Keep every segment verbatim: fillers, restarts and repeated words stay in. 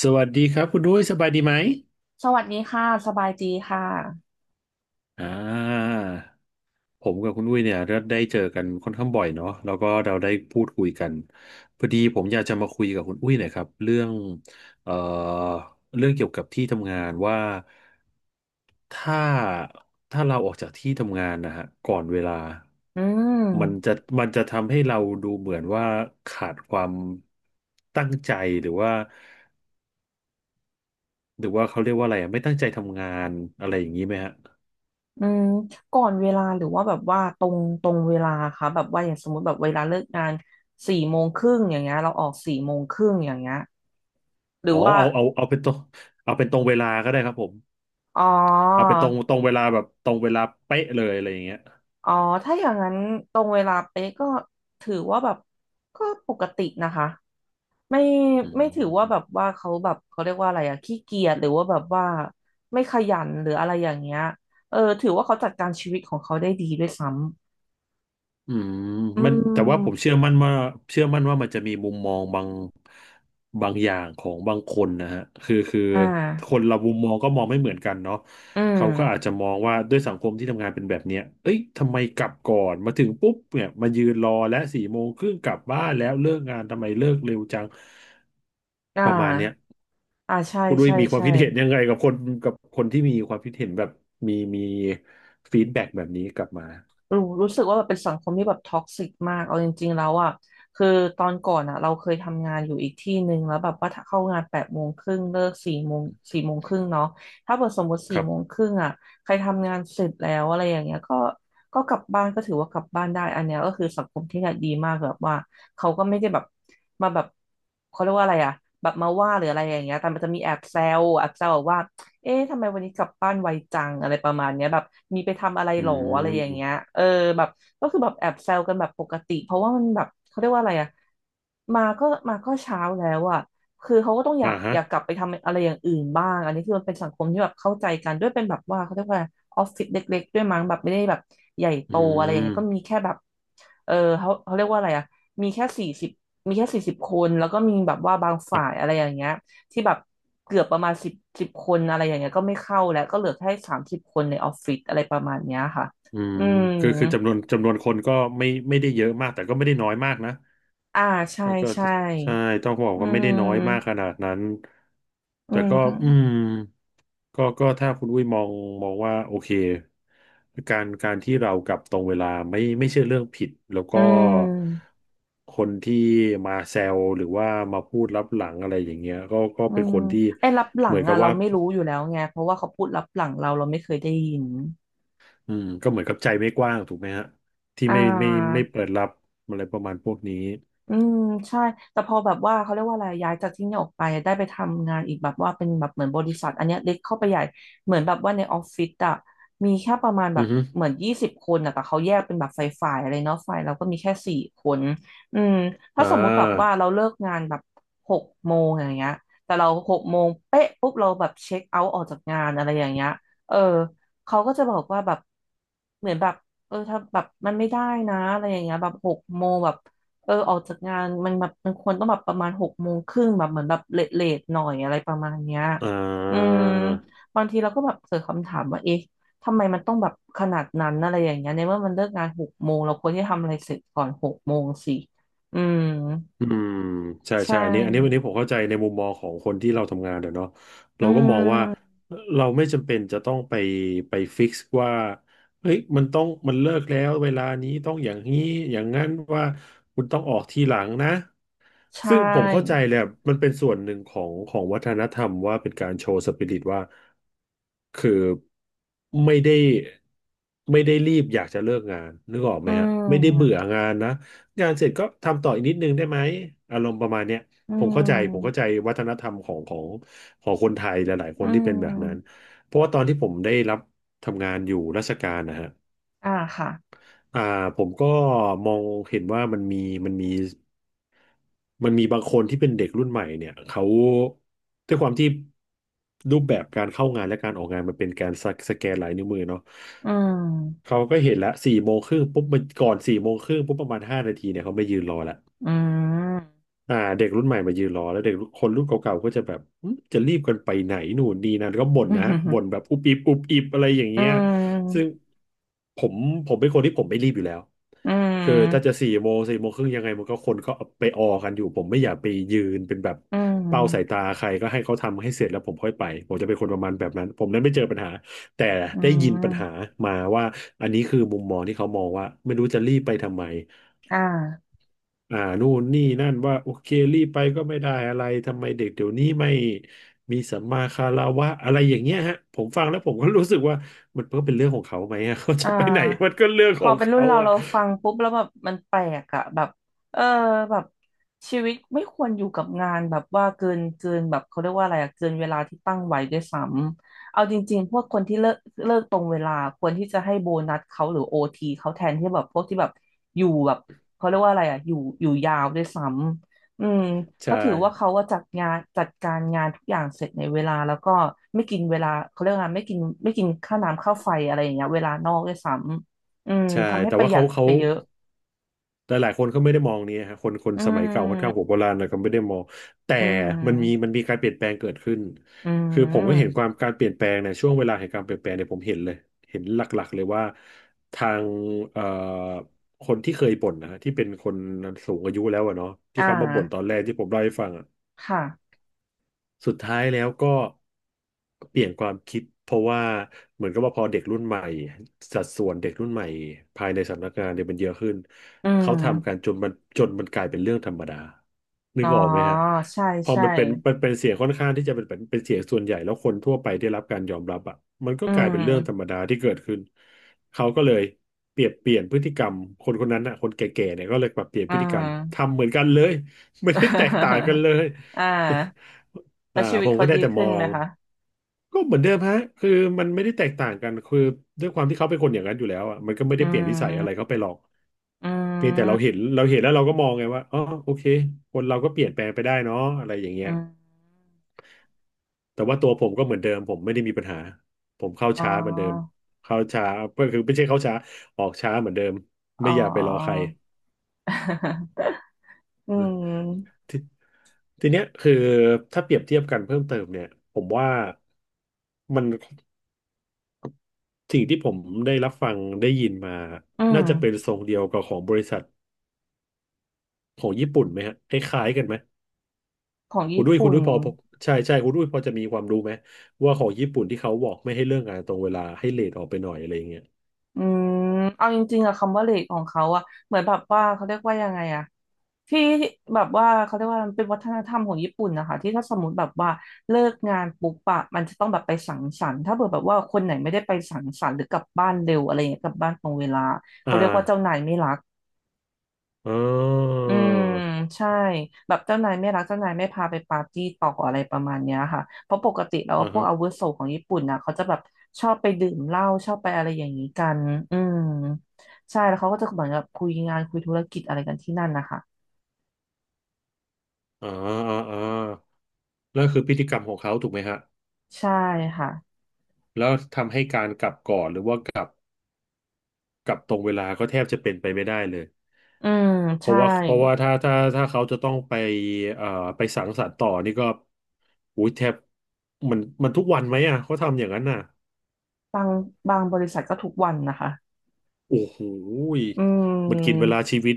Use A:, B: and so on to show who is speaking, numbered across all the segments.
A: สวัสดีครับคุณด้วยสบายดีไหม
B: สวัสดีค่ะสบายดีค่ะ
A: อ่าผมกับคุณอุ้ยเนี่ยได้เจอกันค่อนข้างบ่อยเนาะแล้วก็เราได้พูดคุยกันพอดีผมอยากจะมาคุยกับคุณอุ้ยหน่อยครับเรื่องเอ่อเรื่องเกี่ยวกับที่ทำงานว่าถ้าถ้าเราออกจากที่ทำงานนะฮะก่อนเวลา
B: อื
A: มัน
B: ม
A: จะมันจะทำให้เราดูเหมือนว่าขาดความตั้งใจหรือว่าหรือว่าเขาเรียกว่าอะไรอะไม่ตั้งใจทำงานอะไรอย่างนี้ไหมฮะ
B: อืมก่อนเวลาหรือว่าแบบว่าตรงตรงเวลาค่ะแบบว่าอย่างสมมติแบบเวลาเลิกงานสี่โมงครึ่งอย่างเงี้ยเราออกสี่โมงครึ่งอย่างเงี้ยหรื
A: อ๋
B: อ
A: อ
B: ว่า
A: เอาเอาเอาเป็นตรงเอาเป็นตรงเวลาก็ได้ครับผม
B: อ๋อ
A: เอาเป็นตรงตรงเวลาแบบตรงเวลาเป๊ะเลยอะไรอย่างเงี้ย
B: อ๋อถ้าอย่างนั้นตรงเวลาเป๊ะก็ถือว่าแบบก็ปกตินะคะไม่
A: อื
B: ไม่ถือว่า
A: ม
B: แบบว่าเขาแบบเขาเรียกว่าอะไรอะขี้เกียจหรือว่าแบบว่าไม่ขยันหรืออะไรอย่างเงี้ยเออถือว่าเขาจัดการชีวิตของเขาได้ดีด้วยซ้
A: อืม
B: อื
A: มันแต่ว่าผม
B: ม
A: เชื่อมั่นว่าเชื่อมั่นว่ามันจะมีมุมมองบางบางอย่างของบางคนนะฮะคือคือ
B: อ่
A: ค
B: า
A: นเรามุมมองก็มองไม่เหมือนกันเนาะ
B: อื
A: เขา
B: ม
A: ก็อาจจะมองว่าด้วยสังคมที่ทำงานเป็นแบบเนี้ยเอ้ยทำไมกลับก่อนมาถึงปุ๊บเนี่ยมายืนรอและสี่โมงครึ่งกลับบ้านแล้วเลิกงานทำไมเลิกเร็วจัง
B: อ่
A: ประมาณเนี้ย
B: า อ่า ใช่
A: คุณดุ้ย
B: ใช่
A: มีความ
B: ใช่
A: คิดเห็นยังไงกับคนกับคนที่มีความคิดเห็นแบบมีมีฟีดแบ็กแบบนี้กลับมา
B: รู้รู้สึกว่าแบบเป็นสังคมที่แบบท็อกซิกมากเอาจริงๆแล้วอ่ะคือตอนก่อนอ่ะเราเคยทำงานอยู่อีกที่หนึ่งแล้วแบบว่าถ้าเข้างานแปดโมงครึ่งเลิกสี่โมงสี่โมงครึ่งเนาะถ้าเปิดสมมติ
A: ค
B: สี่
A: รั
B: โมง
A: บ
B: ครึ่งอ่ะใครทำงานเสร็จแล้วอะไรอย่างเงี้ยก็ก็กลับบ้านก็ถือว่ากลับบ้านได้อันเนี้ยก็คือสังคมที่เนี่ยดีมากแบบว่าเขาก็ไม่ได้แบบมาแบบเขาเรียกว่าอะไรอ่ะแบบมาว่าหรืออะไรอย่างเงี้ยแต่มันจะมีแอบแซวแอบแซวแบบว่า เอ๊ะทำไมวันนี้กลับบ้านไวจังอะไรประมาณเนี้ยแบบมีไปทำอะไร
A: อื
B: หรออะไรอย่างเงี้ย
A: ม
B: เออแบบก็คือแบบแอบแซวกันแบบปกติเพราะว่ามันแบบเขาเรียกว่าอะไรอะมาก็มาก็เช้าแล้วอะคือเขาก็ต้องอยา
A: อ่า
B: ก
A: ฮะ
B: อยากกลับไปทำอะไรอย่างอื่นบ้างอันนี้คือมันเป็นสังคมที่แบบเข้าใจกันด้วยเป็นแบบว่าเขาเรียกว่าออฟฟิศเล็กๆด้วยมั้งแบบไม่ได้แบบใหญ่โต
A: อื
B: อะไรอย่าง
A: ม
B: เงี้ยก็มีแค่แบบเออเขาเขาเรียกว่าอะไรอะมีแค่สี่สิบมีแค่สี่สิบคนแล้วก็มีแบบว่าบางฝ่ายอะไรอย่างเงี้ย ที่แบบเกือบประมาณสิบสิบคนอะไรอย่างเงี้ยก็ไม่เข้าแล้วก็เหลือแค่สามสิบคนในออฟฟิศอะไรประมาณเนี้ยค่ะ
A: อืม
B: อืม
A: คือคือจำนวนจำนวนคนก็ไม่ไม่ได้เยอะมากแต่ก็ไม่ได้น้อยมากนะ
B: อ่าใช่
A: แล้วก็
B: ใช่
A: จะใช่ต้องบอก
B: อื
A: ว่าไม่ได้น้อยมาก
B: ม
A: ขนาดนั้น
B: อื
A: แต่ก็อืม
B: ม
A: ก็ก็ถ้าคุณวุ้ยมองมองว่าโอเคการการที่เรากลับตรงเวลาไม่ไม่ใช่เรื่องผิดแล้ว
B: อื
A: ก็
B: ม
A: คนที่มาแซวหรือว่ามาพูดลับหลังอะไรอย่างเงี้ยก็ก็
B: อื
A: เป็น
B: ม
A: คนที่
B: ไอ้รับหลั
A: เหมื
B: ง
A: อนกั
B: อ่ะ
A: บ
B: เรา
A: ว่า
B: ไม่รู้อยู่แล้วไงเพราะว่าเขาพูดรับหลังเราเราไม่เคยได้ยิน
A: อืมก็เหมือนกับใจไม่กว้างถูกไหมฮะที่
B: อ่
A: ไม่ไม่ไม่
B: า
A: เปิดรับอะไรประมาณพวกนี้
B: อืมใช่แต่พอแบบว่าเขาเรียกว่าอะไรย้ายจากที่นี่ออกไปได้ไปทำงานอีกแบบว่าเป็นแบบเหมือนบริษัทอันเนี้ยเล็กเข้าไปใหญ่เหมือนแบบว่าในออฟฟิศอะมีแค่ประมาณแบ
A: อื
B: บ
A: อฮึ
B: เหมือนยี่สิบคนอะแต่เขาแยกเป็นแบบฝ่ายฝ่ายอะไรเนาะฝ่ายเราก็มีแค่สี่คนอืมถ้า
A: อ่
B: สมมุติแบบว่า
A: า
B: เราเลิกงานแบบหกโมงอย่างเงี้ยแต่เราหกโมงเป๊ะปุ๊บเราแบบเช็คเอาท์ออกจากงานอะไรอย่างเงี้ยเออเขาก็จะบอกว่าแบบเหมือนแบบเออถ้าแบบมันไม่ได้นะอะไรอย่างเงี้ยแบบหกโมงแบบ เออออกจากงานมันแบบมันควรต้องแบบประมาณหกโมงครึ่งแบบเหมือนแบบเลทเลทหน่อยอะไรประมาณเนี้ย
A: อ่
B: อื
A: า
B: มบางทีเราก็แบบเกิดคำถามว่าเอ๊ะทำไมมันต้องแบบขนาดนั้นอะไรอย่างเงี้ยในเมื่อมันเลิกงานหกโมงเราควรที่จะทำอะไรเสร็จก่อนหกโมงสิอืม
A: อืมใช่
B: ใช่
A: ใช่อันนี้อันนี้วันนี้ผมเข้าใจในมุมมองของคนที่เราทำงานเดี๋ยวเนาะ
B: อื
A: เราก็มองว่า
B: ม
A: เราไม่จำเป็นจะต้องไปไปฟิกซ์ว่าเฮ้ยมันต้องมันเลิกแล้วเวลานี้ต้องอย่างนี้อย่างนั้นว่าคุณต้องออกทีหลังนะ
B: ใช
A: ซึ่งผมเข้าใจ
B: ่
A: แหละมันเป็นส่วนหนึ่งของของวัฒนธรรมว่าเป็นการโชว์สปิริตว่าคือไม่ได้ไม่ได้รีบอยากจะเลิกงานนึกออกไห
B: อื
A: มฮะไม่ได้เบื่อ
B: ม
A: งานนะ งานเสร็จก็ทำต่ออีกนิดนึงได้ไหมอารมณ์ประมาณเนี้ย
B: อื
A: ผมเข้าใจผมเข้าใจ
B: ม
A: วัฒนธรรมของของของคนไทยหลายๆค
B: อื
A: นที่เป็นแบบนั้น
B: ม
A: เพราะว่าตอนที่ผมได้รับทำงานอยู่ราชการนะฮะ
B: อ่าค่ะ
A: อ่าผมก็มองเห็นว่ามันมีมันมีมันมีบางคนที่เป็นเด็กรุ่นใหม่เนี่ยเขาด้วยความที่รูปแบบการเข้างานและการออกงานมันเป็นการสสแกนลายนิ้วมือเนาะ
B: อืม
A: เขาก็เห็นละสี่โมงครึ่งปุ๊บมันก่อนสี่โมงครึ่งปุ๊บประมาณห้านาทีเนี่ยเขาไม่ยืนรอละ
B: อืม
A: อ่าเด็กรุ่นใหม่มายืนรอแล้วเด็กคนรุ่นเก่าๆก็จะแบบอืมจะรีบกันไปไหนหนูนนี่นั่นก็บ่นนะบ่ นแบบอุบอิบอุบอิบอะไรอย่าง
B: อื
A: เงี้ยซึ่ง
B: ม
A: ผมผมเป็นคนที่ผมไม่รีบอยู่แล้ว
B: อื
A: คือถ้าจะ
B: ม
A: สี่โมงสี่โมงครึ่งยังไงมันก็คนก็ไปออกันอยู่ผมไม่อยากไปยืนเป็นแบบ
B: อืมอื
A: เป้าสายตา
B: ม
A: ใครก็ให้เขาทำให้เสร็จแล้วผมค่อยไปผมจะเป็นคนประมาณแบบนั้นผมนั้นไม่เจอปัญหาแต่
B: อื
A: ได้ยินปัญหา
B: ม
A: มาว่าอันนี้คือมุมมองที่เขามองว่าไม่รู้จะรีบไปทำไม
B: อ่า
A: อ่านู่นนี่นั่นว่าโอเครีบไปก็ไม่ได้อะไรทำไมเด็กเดี๋ยวนี้ไม่มีสัมมาคารวะอะไรอย่างเงี้ยฮะผมฟังแล้วผมก็รู้สึกว่ามันก็เป็นเรื่องของเขาไหมอะ เขา
B: อ่
A: จะไปไหนมัน
B: า
A: ก็เรื่อง
B: พ
A: ข
B: อ
A: อง
B: เป็นรุ่
A: เขา
B: นเรา
A: อ่ะ
B: เราฟังปุ๊บแล้วแบบมันแปลกอะแบบเออแบบชีวิตไม่ควรอยู่กับงานแบบว่าเกินเกินแบบเขาเรียกว่าอะไรอะเกินเวลาที่ตั้งไว้ด้วยซ้ำเอาจริงๆพวกคนที่เลิกเลิกตรงเวลาควรที่จะให้โบนัสเขาหรือโอทีเขาแทนที่แบบพวกที่แบบอยู่แบบเขาเรียกว่าอะไรอะอยู่อยู่ยาวด้วยซ้ำ อืมเพ
A: ใช่
B: ราะถือว่าเขาว่าจัดงานจัดการงานทุกอย่างเสร็จในเวลาแล้วก็ไม่กินเวลาเขาเรียกว่าไม่กินไม่กินค่าน้ำค่าไฟอะไรอย่างเงี้ยเวลานอกด้วยซ้ำอืม
A: ใช่
B: ทำให้
A: แต่
B: ประ
A: ว่า
B: หยั
A: เขา
B: ด
A: เขา
B: ไปเยอะ
A: แต่หลายคนก็ไม่ได้มองนี้ฮะคนคน
B: อ
A: สมัยเก่าค่อนข้างหัว
B: ืม
A: โบราณแลก็ไม่ได้มองแต่
B: อื
A: มันมีมั
B: ม
A: นมีการเปลี่ยนแปลงเกิดขึ้น
B: อื
A: คือผมก็เห็นค
B: ม
A: วามการเปลี่ยนแปลงในยช่วงเวลาแห่งการเปลี่ยนแปลงเนี่ยผมเห็นเลยเห็นหลักๆเลยว่าทางเอ่อคนที่เคยบ่นนะฮะที่เป็นคนสูงอายุแล้วอะเนาะที่
B: อ่า
A: เขามาบ่นตอนแรกที่ผมเล่าให้ฟังอะ
B: ค่ะ
A: สุดท้ายแล้วก็เปลี่ยนความคิดเพราะว่าเหมือนกับว่าพอเด็กรุ่นใหม่สัดส่วนเด็กรุ่นใหม่ภายในสำนักงานเนี่ยมันเยอะขึ้น
B: อื
A: เขาทำกัน
B: ม
A: จนมันจนมันกลายเป็นเรื่องธรรมดานึ
B: อ๋อ
A: กออกไหมฮะ
B: ใช่
A: พอ
B: ใช่
A: มันเป็นมันเป็นเสียงค่อนข้างที่จะเป็นเป็นเป็นเสียงส่วนใหญ่แล้วคนทั่วไปได้รับการยอมรับอ่ะมันก็
B: อื
A: กลายเป็นเรื่องธร
B: ม
A: รมดาที่เกิดขึ้นเขาก็เลยเปลี่ยนเปลี่ยนพฤติกรรมคนคนนั้นอ่ะคนแก่ๆเนี่ยก็เลยปรับเปลี่ยน
B: อ่
A: พฤติกรรม
B: า
A: ทำเหมือนกันเลยไม่ได้แตกต่างกัน เลย
B: อ่าแล้
A: อ่า
B: วชีวิ
A: ผ
B: ต
A: ม
B: เขา
A: ก็ได้
B: ดี
A: แต่ม
B: ขึ้น
A: อ
B: ไหม
A: ง
B: คะ
A: ก็เหมือนเดิมฮะคือมันไม่ได้แตกต่างกันคือด้วยความที่เขาเป็นคนอย่างนั้นอยู่แล้วอ่ะมันก็ไม่
B: อื
A: ได้เปลี่ยนนิสัยอะไร
B: ม
A: เขาไปหรอก
B: อื
A: เพียงแต่เรา
B: ม
A: เห็นเราเห็นแล้วเราก็มองไงว่าอ๋อโอเคคนเราก็เปลี่ยนแปลงไปได้เนาะอะไรอย่างเงี้ย
B: อืม
A: แต่ว่าตัวผมก็เหมือนเดิมผมไม่ได้มีปัญหาผมเข้า
B: อ๋
A: ช้าเหมือนเดิม
B: อ
A: เข้าช้าก็คือไม่ใช่เข้าช้าออกช้าเหมือนเดิม
B: อ๋อ
A: ไม่อยากไปรอใคร
B: อืม
A: ทีทีเนี้ยคือถ้าเปรียบเทียบกันเพิ่มเติมเนี่ยผมว่ามัน สิ่งที่ผมได้รับฟังได้ยินมา
B: อื
A: น่า
B: ม
A: จะเป็นทรงเดียวกับของบริษัทของญี่ปุ่นไหมฮะคล้ายๆกันไหม
B: ของ
A: คุณ
B: ญี่
A: ด้วยคุณ
B: ปุ่น
A: ด้วยพอพอใช่ใช่คุณด้วยพอจะมีความรู้ไหมว่าของญี่ปุ่นที่เขาบอกไม่ให้เลิกงานตรงเวลาให้เลทออกไปหน่อยอะไรอย่างเงี้ย
B: อืมเอาจริงๆอะคำว่าเลทของเขาอะเหมือนแบบว่าเขาเรียกว่ายังไงอะที่แบบว่าเขาเรียกว่ามันเป็นวัฒนธรรมของญี่ปุ่นนะคะ ที่ถ้าสมมติแบบว่าเลิกงานปุ๊บอะมันจะต้องแบบไปสังสรรค์ถ้าเผื่อแบบว่าคนไหนไม่ได้ไปสังสรรค์หรือกลับบ้านเร็วอะไรอย่างเงี้ยกลับบ้านตรงเวลา เขา
A: อ่า
B: เรียกว่าเจ้านายไม่รัก
A: อ่า
B: อืมใช่แบบเจ้านายไม่รักเจ้านายไม่พาไปปาร์ตี้ต่ออะไรประมาณเนี้ยค่ะเพราะปกติแล้ว
A: อ่า
B: พวก
A: ฮะ
B: อาวุโสของญี่ปุ่นนะเขาจะแบบชอบไปดื่มเหล้าชอบไปอะไรอย่างนี้กันอืมใช่แล้วเขาก็จะเหมือนกับคุยงานคุยธุรกิจอะไรกันที่นั่นนะคะ
A: อ่าอ่าอ่าแล้วคือพฤติกรรมของเขาถูกไหมฮะ
B: ใช่ค่ะ
A: แล้วทำให้การกลับก่อนหรือว่า กับตรงเวลาก็แทบจะเป็นไปไม่ได้เลย
B: อืม
A: เพ
B: ใช่
A: ราะว่าเพราะว่าถ้าถ้าถ้าเขาจะต้องไปเอ่อไปสังสรรค์ต่อนี่ก็อุ้ยแทบมันมันทุกวันไหมอ่ะเขาทำอย่างนั้นน่ะ
B: บางบางบริษัทก็ทุกวันนะคะ
A: โอ้โหย
B: อื
A: มันกินเว
B: ม
A: ลาชีวิต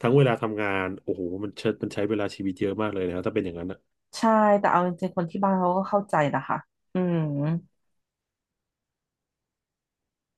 A: ทั้งเวลาทำงานโอ้โหมันเชิดมันใช้เวลาชีวิตเยอะมากเลยนะครับถ้าเป็นอย่างนั้นอ่ะ
B: ใช่แต่เอาจริงๆคนที่บ้านเขาก็เข้าใจนะคะอืม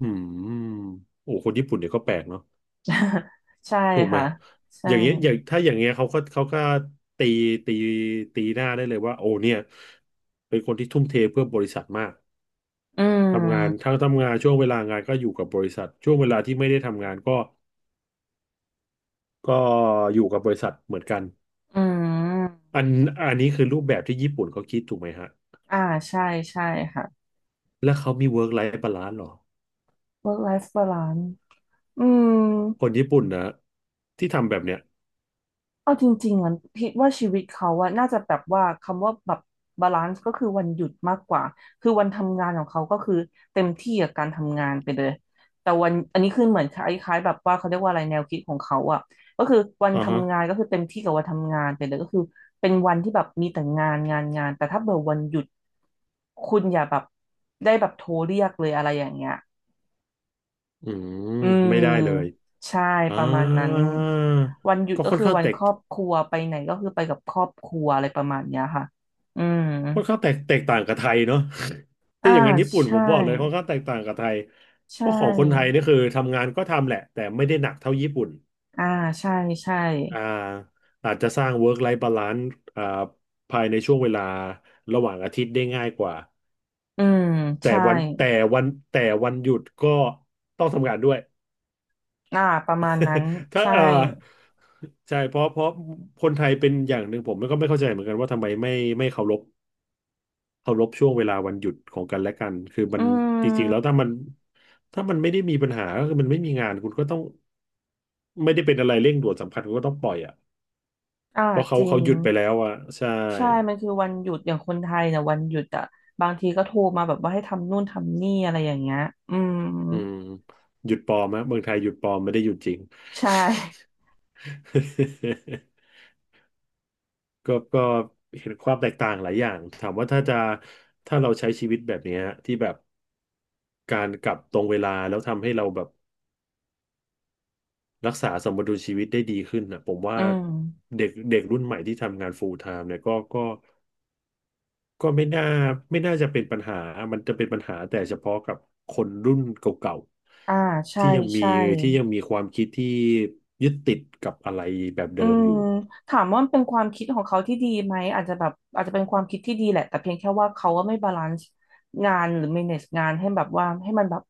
A: อืมโอ้คนญี่ปุ่นเนี่ยก็แปลกเนาะ
B: ใช่
A: ถูกไหม
B: ค่ะ
A: อ
B: ใช่
A: ย่างเงี้ยอย่างถ้าอย่างเงี้ยเขาก็เขาก็ตีตีตีหน้าได้เลยว่าโอ้เนี่ยเป็นคนที่ทุ่มเทเพื่อบริษัทมาก
B: อื
A: ทำงาน
B: ม
A: ถ้าทำงานช่วงเวลางานก็อยู่กับบริษัทช่วงเวลาที่ไม่ได้ทำงานก็ก็อยู่กับบริษัทเหมือนกัน
B: อืม
A: อันอันนี้คือรูปแบบที่ญี่ปุ่นเขาคิดถูกไหมฮะ
B: อ่าใช่ใช่ค่ะ
A: แล้วเขามี work life balance หรอ
B: work life balance อืม
A: คนญี่ปุ่นนะที่ทำแบบเนี้ย
B: เอาจริงๆอ่ะคิดว่าชีวิตเขาอะน่าจะแบบว่าคำว่าแบบบาลานซ์ก็คือวันหยุดมากกว่าคือวันทำงานของเขาก็คือเต็มที่กับการทำงานไปเลยแต่วันอันนี้คือเหมือนคล้ายๆแบบว่าเขาเรียกว่าอะไรแนวคิดของเขาอะก็คือวัน
A: อ่าฮะ
B: ทำงานก็คือเต็มที่กับวันทำงานไปเลยก็คือเป็นวันที่แบบมีแต่งานงานงานแต่ถ้าเบอร์วันหยุดคุณอย่าแบบได้แบบโทรเรียกเลยอะไรอย่างเงี้ย
A: อืม
B: อื
A: ไม่ได้เลย
B: มใช่
A: อ่า
B: ประมาณนั้นวันหยุด
A: ก็
B: ก็
A: ค่อน
B: คือ
A: ข้าง
B: วัน
A: แต
B: ค
A: ก
B: รอบครัวไปไหนก็คือไปกับครอบครัวอะไรประมาณเนี้ยค่ะอืม
A: ค่อนข้างแตกแตกต่างกับไทยเนาะ
B: อ่า
A: ถ้าอย่างนั้นญี่ปุ่นผ
B: ใช่
A: มบอกเลยค่อนข้างแตกต่างกับไทยเพ
B: ใช่
A: ราะของคนไทยนี่คือทำงานก็ทำแหละแต่ไม่ได้หนักเท่าญี่ปุ่น
B: อ่าใช่ใช่
A: อ่าอาจจะสร้าง work life balance อ่าภายในช่วงเวลาระหว่างอาทิตย์ได้ง่ายกว่า
B: อืม
A: แต่
B: ใช่
A: วันแต่วันแต่วันหยุดก็ต้องทำงานด้วย
B: อ่าประมาณนั้น
A: ถ้า
B: ใช่
A: อ่าใช่เพราะเพราะคนไทยเป็นอย่างหนึ่งผมก็ไม่เข้าใจเหมือนกันว่าทำไมไม่ไม่เคารพเคารพช่วงเวลาวันหยุดของกันและกันคือมั
B: อื
A: นจริงๆแล้ว
B: ม
A: ถ้ามันถ้ามันไม่ได้มีปัญหาก็คือมันไม่มีงานคุณก็ต้องไม่ได้เป็นอะไรเร่งด่วนสำคัญคุณก็ต้องปล่อยอ่ะ
B: อ่า
A: เพราะ
B: จ
A: เขา
B: ริ
A: เขา
B: ง
A: หยุดไปแล้วอ่ะใช่
B: ใช่มันคือวันหยุดอย่างคนไทยเนี่ยวันหยุดอ่ะบางทีก็โทรมาแบบว่าให้ทำนู่นทำนี่อะไรอย่างเงี้ยอืม
A: อืมหยุดปลอมนะเมืองไทยหยุดปลอมไม่ได้หยุดจริง
B: ใช่
A: ก็ก็เห็นความแตกต่างหลายอย่างถามว่าถ้าจะถ้าเราใช้ชีวิตแบบเนี้ยที่แบบการกลับตรงเวลาแล้วทำให้เราแบบรักษาสมดุลชีวิตได้ดีขึ้นนะผมว่า
B: อืม
A: เด็กเด็กรุ่นใหม่ที่ทำงาน full time เนี่ยก็ก็ ก็ไม่น่าไม่น่าจะเป็นปัญหา มันจะเป็นปัญหาแต่เฉพาะกับคนรุ่นเก่า
B: อ่า
A: ๆ
B: ใช่
A: ที่ยังมี
B: ใช่
A: ที่ยังมีความคิดที่ยึดติดกับอะไรแบบ
B: อื
A: เดิมอ
B: ม
A: ยู่
B: ถามว่ามันเป็นความคิดของเขาที่ดีไหมอาจจะแบบอาจจะเป็นความคิดที่ดีแหละแต่เพียงแค่ว่าเขาว่าไม่บาลานซ์งานหรือ manage งานให้แบบว่าให้มันแบบ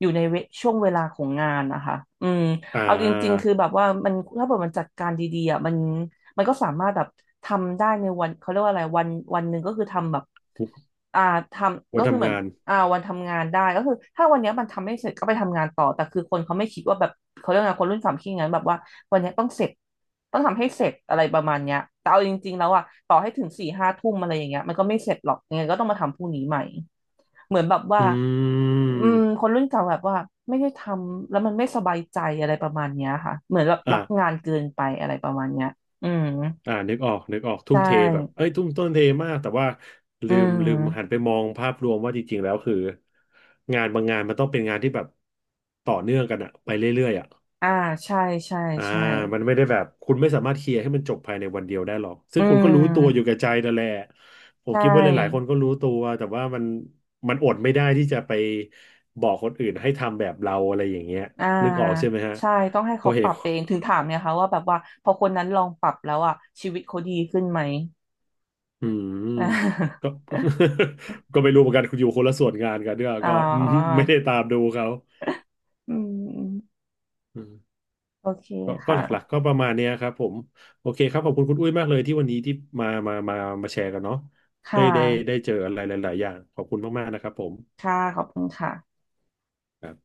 B: อยู่ในเวช่วงเวลาของงานนะคะอืม
A: อ่
B: เอาจริงๆ
A: า
B: คือแบบว่ามันถ้าเกิดมันจัดการดีๆอ่ะมันมันก็สามารถแบบทำได้ในวันเขาเรียกว่าอะไรวันวันหนึ่งก็คือทำแบบอ่าทำ
A: วั
B: ก็
A: น
B: คือเห
A: ทำ
B: มือน
A: งาน
B: อ่าวันทำงานได้ก็คือถ้าวันเนี้ยมันทำไม่เสร็จก็ไปทำงานต่อแต่คือคนเขาไม่คิดว่าแบบเขาเรียกไงคนรุ่นสามคิดอย่างนั้นแบบว่าวันเนี้ยต้องเสร็จต้องทำให้เสร็จอะไรประมาณเนี้ยแต่เอาจริงๆแล้วอ่ะต่อให้ถึงสี่ห้าทุ่มอะไรอย่างเงี้ยมันก็ไม่เสร็จหรอกยังไงก็ต้องมาทำพรุ่งนี้ใหม่เหมือนแบบว่า
A: อื
B: อืมค
A: ม
B: นรุ่นเก่าแบบว่าไม่ได้ทำแล้วมันไม่สบายใจอะไรประมาณเนี้ยค่ะเหมือนแบบ
A: อ่า
B: รักงานเกินไปอะไรประมาณเนี้ยอืม
A: อ่านึกออกนึกออกทุ่
B: ใช่
A: มเทแบบเอ้ยทุ่มต้นเทมากแต่ว่า
B: อื
A: ลืมลืมหัน
B: ม
A: ไปมองภาพรวมว่าจริงๆแล้วคืองานบางงานมันต้องเป็นงานที่แบบต่อเนื่องกันอะไปเรื่อยๆอะ
B: อ่าใช่ใช่
A: อ่า
B: ใช่
A: มันไม่ได้แบบคุณไม่สามารถเคลียร์ให้มันจบภายในวันเดียวได้หรอกซึ่
B: อื
A: งคุณก็รู้ตัวอยู่
B: ม
A: กับใจนั่นแหละผ
B: ใช
A: มคิดว่าหลายๆคน
B: ่
A: ก็รู้ตัวแต่ว่ามันมันอดไม่ได้ที่จะไปบอกคนอื่นให้ทำแบบเราอะไรอย่างเงี้ย
B: อ่า
A: นึกออกใช่ไหมฮะ
B: ใช่ต้องให้
A: เพอ
B: เขา
A: เห
B: ปรั
A: ตุ
B: บเองถึงถามเนี่ยค่ะว่าแบบว่าพอคนนั้นลองปรับแล้วอ่ะชีวิตเขาดีขึ้นไหม
A: อืมก็ ก็ไม่รู้เหมือนกันคุณอยู่คนละส่วนงานกันเนี่ย
B: อ่า
A: ก็
B: อ๋ อ
A: ไม่ได้ตามดูเขา
B: อืมโอเค
A: ก็ก็
B: ค่ะ
A: หลักๆก็ประมาณเนี้ยครับผมโอเคครับขอบคุณคุณอุ้ยมากเลยที่วันนี้ที่มามามามาแชร์กันเนาะ
B: ค่
A: ได้ได้ได้
B: ะ
A: เจออะไรหลายๆอย่างขอบคุณมากๆนะครับผม
B: ค่ะขอบคุณค่ะ
A: ครับ